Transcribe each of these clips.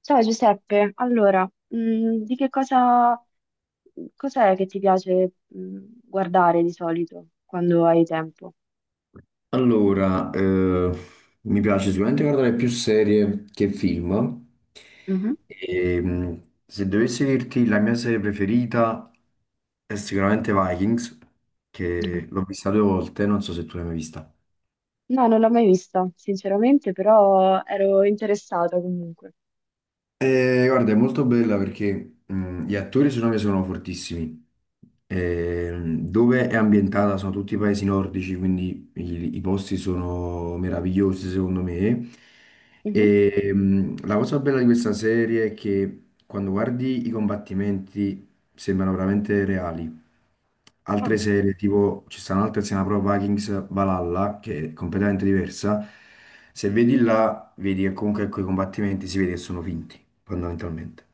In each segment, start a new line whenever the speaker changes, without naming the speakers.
Ciao Giuseppe, allora, mm, di che cosa, cos'è che ti piace, guardare di solito quando hai tempo?
Allora, mi piace sicuramente guardare più serie che film.
Mhm.
E, se dovessi dirti la mia serie preferita è sicuramente Vikings,
Mhm.
che l'ho vista due volte, non so se tu l'hai mai vista.
No, non l'ho mai vista, sinceramente, però ero interessata comunque.
Guarda, è molto bella perché gli attori secondo me sono fortissimi.
Mhm.
Dove è ambientata sono tutti i paesi nordici, quindi i posti sono meravigliosi secondo me.
Mhm.
E, la cosa bella di questa serie è che quando guardi i combattimenti sembrano veramente reali. Altre
Ah,
serie, tipo ci stanno altre, se ne Pro Vikings Valhalla, che è completamente diversa. Se vedi là vedi che comunque quei combattimenti si vede che sono finti, fondamentalmente.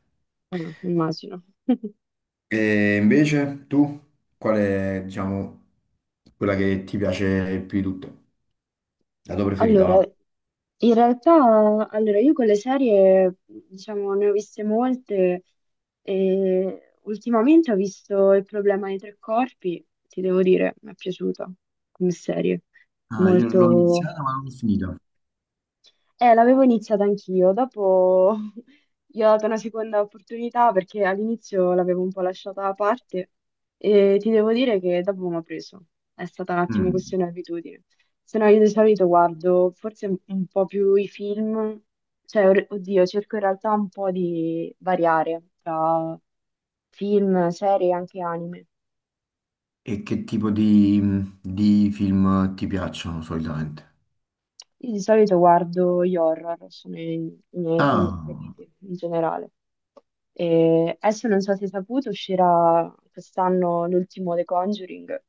ah, immagino.
E invece tu, qual è, diciamo, quella che ti piace più di tutte? La tua preferita,
Allora,
va?
in realtà, allora, io con le serie, diciamo, ne ho viste molte e ultimamente ho visto Il problema dei tre corpi, ti devo dire, mi è piaciuta come serie,
Ah, io l'ho
molto.
iniziata ma non l'ho finita.
L'avevo iniziata anch'io, dopo gli ho dato una seconda opportunità perché all'inizio l'avevo un po' lasciata da parte e ti devo dire che dopo mi ha preso. È stata un attimo
Mm.
questione di abitudine. Se no io di solito guardo forse un po' più i film, cioè oddio, cerco in realtà un po' di variare tra film, serie e anche anime.
E che tipo di film ti piacciono solitamente?
Io di solito guardo gli horror, sono i miei film
Ah,
preferiti in generale. E adesso non so se hai saputo, uscirà quest'anno l'ultimo The Conjuring,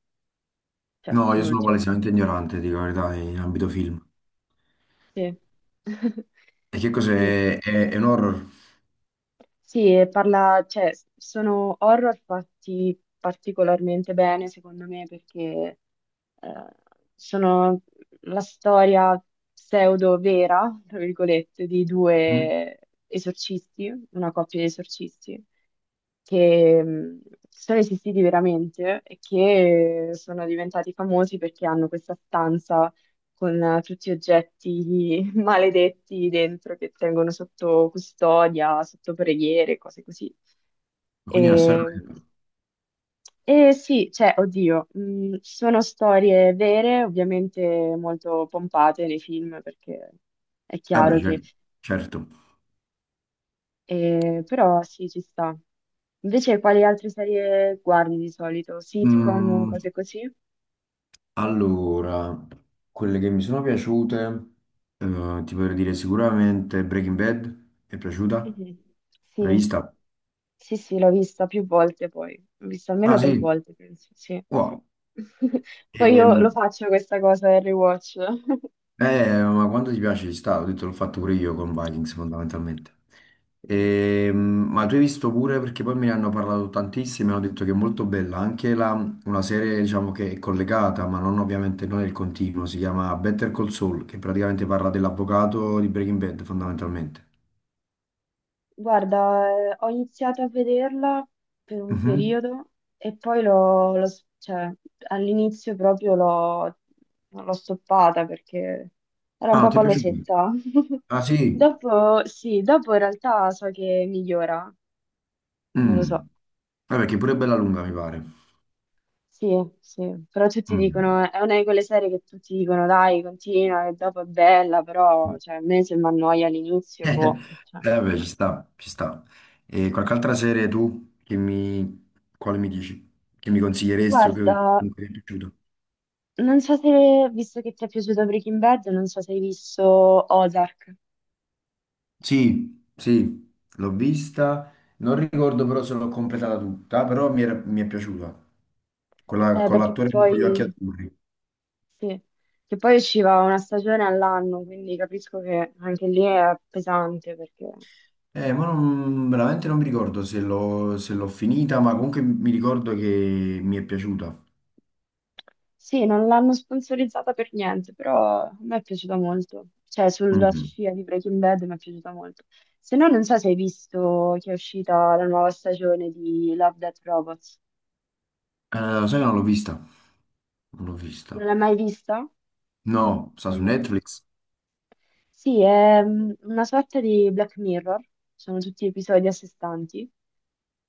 cioè
no, io sono
l'ultimo.
palesemente ignorante, dico la verità, in ambito film.
Sì.
E che
Mm.
cos'è? È un horror?
Sì, e parla, cioè, sono horror fatti particolarmente bene, secondo me, perché eh, sono la storia pseudo-vera, tra virgolette, di
Mm?
due esorcisti, una coppia di esorcisti, che sono esistiti veramente e che sono diventati famosi perché hanno questa stanza con tutti gli oggetti maledetti dentro che tengono sotto custodia, sotto preghiere, cose così.
Quindi è una storia
E,
vera?
e sì, cioè, oddio, sono storie vere, ovviamente molto pompate nei film perché è chiaro
Vabbè,
che.
certo, certo.
Però sì, ci sta. Invece, quali altre serie guardi di solito? Sitcom,
Mm,
cose così?
allora, quelle che mi sono piaciute, ti potrei dire sicuramente Breaking Bad, è piaciuta?
Mhm.
L'hai
Sì,
vista?
sì, sì, l'ho vista più volte poi. L'ho vista almeno
Ah
tre
sì,
volte, penso, sì.
wow.
Poi io
Ehm,
lo faccio questa cosa del rewatch.
ma quando ti piace ci sta, ho detto l'ho fatto pure io con Vikings fondamentalmente. Ehm, ma tu hai visto pure, perché poi me ne hanno parlato tantissimi, hanno detto che è molto bella, una serie diciamo che è collegata, ma non ovviamente non è il continuo, si chiama Better Call Saul, che praticamente parla dell'avvocato di Breaking Bad fondamentalmente.
Guarda, ho iniziato a vederla per un
Mhm.
periodo e poi cioè, all'inizio proprio l'ho stoppata perché era un
Ah, non
po'
ti è piaciuto?
pallosetta.
Ah, sì?
Dopo, sì, dopo in realtà so che migliora, non lo so.
Mm. Vabbè, che pure è bella lunga, mi pare.
Sì, sì, però tutti
Mm.
dicono, è una di quelle serie che tutti dicono, dai, continua, che dopo è bella, però, cioè, a me se mi annoia all'inizio, boh, cioè.
Vabbè, ci sta, ci sta. E qualche altra serie tu quale mi dici? Che mi consiglieresti o
Guarda,
che comunque ti è piaciuto?
Non so se, visto che ti è piaciuto Breaking Bad, non so se hai visto Ozark.
Sì, sì, l'ho vista. Non ricordo però se l'ho completata tutta, però mi è piaciuta. Con la-
Eh,
con
perché
l'attore con gli occhi
poi,
azzurri.
sì, che poi usciva una stagione all'anno, quindi capisco che anche lì è pesante, perché
Ma veramente non mi ricordo se l'ho finita, ma comunque mi ricordo che mi è piaciuta.
sì, non l'hanno sponsorizzata per niente, però a me è piaciuta molto, cioè sulla
Mhm.
scia di Breaking Bad mi è piaciuta molto. Se no, non so se hai visto che è uscita la nuova stagione di Love, Death Robots,
Lo sai, che non l'ho vista. Non l'ho
non
vista.
l'hai mai vista?
No, sta su Netflix.
Sì, è una sorta di Black Mirror, sono tutti episodi a sé stanti,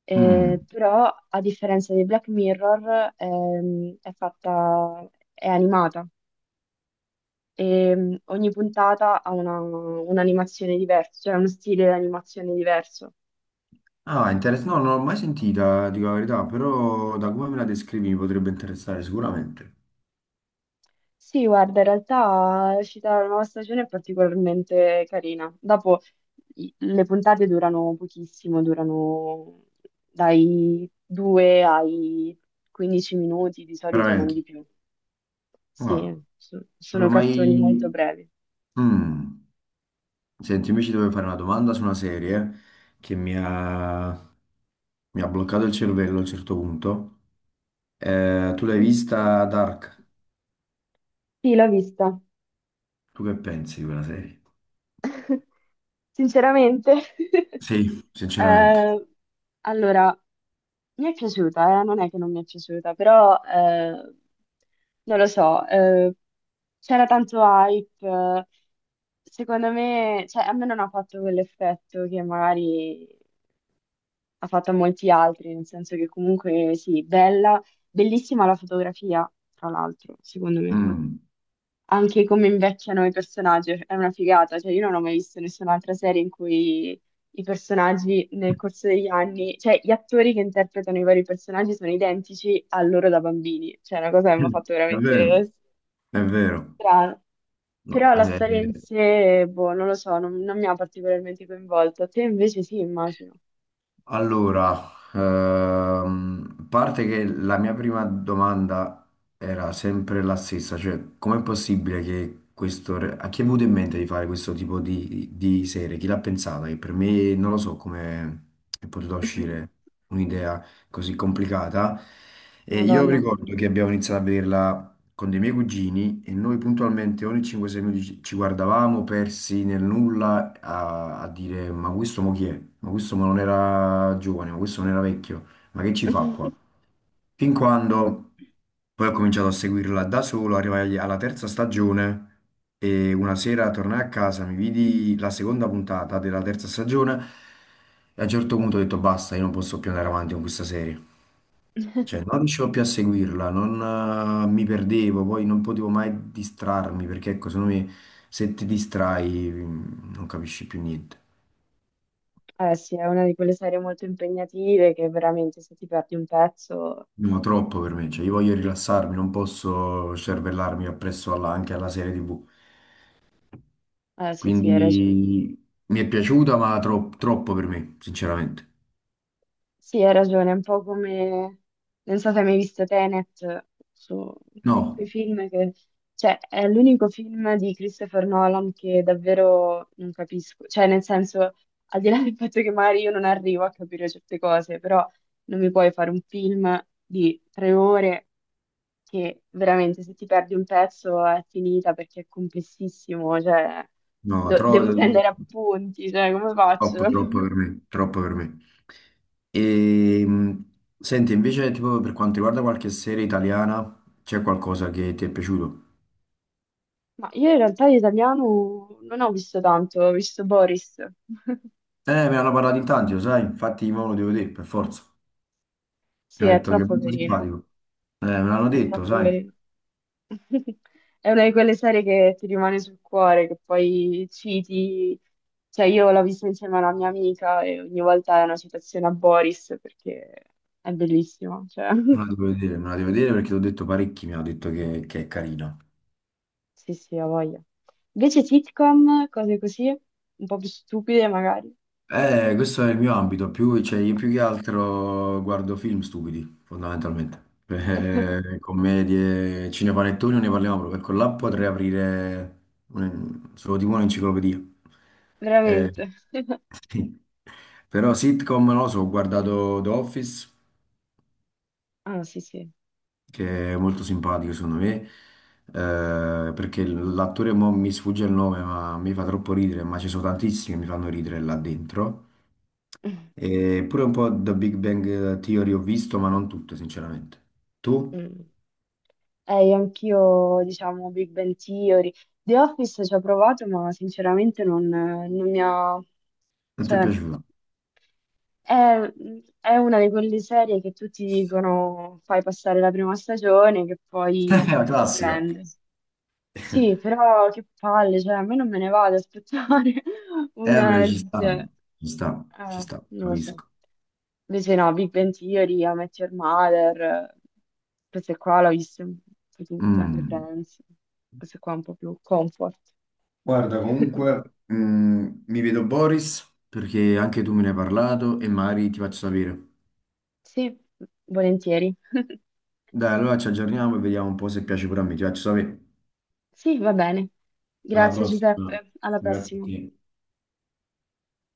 Mm.
però a differenza di Black Mirror è fatta, è animata e ogni puntata ha un'animazione diversa, cioè uno stile di animazione diverso.
Ah, interessante. No, non l'ho mai sentita, dico la verità, però da come me la descrivi mi potrebbe interessare sicuramente.
Sì, guarda, in realtà l'uscita della nuova stagione è particolarmente carina. Dopo le puntate durano pochissimo, durano dai 2 ai 15 minuti, di solito non
Veramente.
di più.
Ah,
Sì,
non
sono
l'ho mai.
cartoni molto brevi.
Mm. Senti, invece dovevo fare una domanda su una serie che mi ha bloccato il cervello a un certo punto. Tu l'hai
Mhm.
vista Dark?
Sì, l'ho vista,
Tu che pensi di quella serie?
sinceramente.
Sì, sinceramente.
Eh, allora, mi è piaciuta. Non è che non mi è piaciuta, però non lo so, c'era tanto hype. Secondo me, cioè, a me non ha fatto quell'effetto che magari ha fatto a molti altri, nel senso che comunque sì, bella, bellissima la fotografia, tra l'altro, secondo me
Mm.
anche come invecchiano i personaggi, è una figata, cioè io non ho mai visto nessun'altra serie in cui i personaggi nel corso degli anni, cioè gli attori che interpretano i vari personaggi sono identici a loro da bambini, cioè è una cosa che mi ha fatto
È
veramente
vero, è vero.
strano.
No,
Però la storia in sé, boh, non lo so, non mi ha particolarmente coinvolto. Te invece sì, immagino.
allora, a parte che la mia prima domanda era sempre la stessa, cioè com'è possibile a chi è venuto in mente di fare questo tipo di, serie? Chi l'ha pensata? Che per me non lo so come è potuta uscire un'idea così complicata. E io
Madonna.
ricordo che abbiamo iniziato a vederla con dei miei cugini e noi puntualmente ogni 5-6 minuti ci guardavamo persi nel nulla a dire ma questo mo chi è? Ma questo mo non era giovane, ma questo non era vecchio, ma che ci fa qua? Fin quando poi ho cominciato a seguirla da solo, arrivai alla terza stagione e una sera tornai a casa, mi vidi la seconda puntata della terza stagione e a un certo punto ho detto basta, io non posso più andare avanti con questa serie. Cioè, non riuscivo più a seguirla, non, mi perdevo, poi non potevo mai distrarmi perché, ecco, secondo me se ti distrai non capisci più niente.
Eh sì, è una di quelle serie molto impegnative che veramente se ti perdi un pezzo.
No, troppo per me, cioè io voglio rilassarmi, non posso cervellarmi appresso anche alla serie TV.
Ah, sì, sì,
Quindi
hai ragione.
mi è piaciuta, ma troppo per me, sinceramente.
Sì, hai ragione, è un po' come. Non so se hai mai visto Tenet, su
No,
quei film che. Cioè, è l'unico film di Christopher Nolan che davvero non capisco. Cioè, nel senso, al di là del fatto che magari io non arrivo a capire certe cose, però non mi puoi fare un film di 3 ore che veramente se ti perdi un pezzo è finita perché è complessissimo, cioè,
no,
devo
troppo.
prendere appunti, cioè, come faccio?
Troppo, troppo per me, troppo per me. E, senti, invece, tipo, per quanto riguarda qualche serie italiana, c'è qualcosa che ti è piaciuto?
Ma io in realtà di italiano non ho visto tanto, ho visto Boris.
Me ne hanno parlato in tanti, lo sai, infatti mo lo devo vedere, per forza.
Sì,
Mi ha
è
detto che è
troppo
molto
carina,
simpatico. Me l'hanno
è
detto,
troppo
sai, me
carina. È una di quelle serie che ti rimane sul cuore, che poi citi. Cioè, io l'ho vista insieme a una mia amica e ogni volta è una citazione a Boris perché è bellissima. Cioè.
la devo vedere, me la devo vedere perché ti ho detto parecchi, mi hanno detto che è carina.
Sì, sì, ho voglia. Invece sitcom, cose così, un po' più stupide magari.
Questo è il mio ambito, più, cioè, io più che altro guardo film stupidi, fondamentalmente. Commedie, cinepanettoni non ne parliamo proprio, perché là potrei aprire solo tipo un'enciclopedia. Eh,
Veramente.
sì. Però sitcom, non lo so, ho guardato The Office,
Ah, sì, sì.
che è molto simpatico secondo me, perché l'attore mo mi sfugge il nome, ma mi fa troppo ridere, ma ci sono tantissimi che mi fanno ridere là dentro. E pure un po' da Big Bang Theory ho visto, ma non tutto, sinceramente. Tu?
Mm. Io anch'io, diciamo, Big Bang Theory. The Office ci ho provato, ma sinceramente non mi ha.
Non ti è
Cioè,
piaciuto?
è, è una di quelle serie che tutti dicono fai passare la prima stagione che poi
La
ti
classica.
prende. Sì, però che palle, cioè a me non me ne va ad aspettare un
Beh, ci sta,
edge,
ci sta, ci sta,
non lo so.
capisco.
Invece no, Big Bang Theory, How I Met Your Mother, queste qua l'ho viste un po' tutte, anche
Mm.
Friends, queste qua un po' più comfort.
Guarda, comunque, mi vedo Boris, perché anche tu me ne hai parlato e magari ti faccio sapere.
Sì, volentieri.
Dai, allora ci aggiorniamo e vediamo un po' se piace pure a me. Ti faccio sapere.
Sì, va bene.
Alla
Grazie
prossima.
Giuseppe, alla
Grazie a
prossima.
te.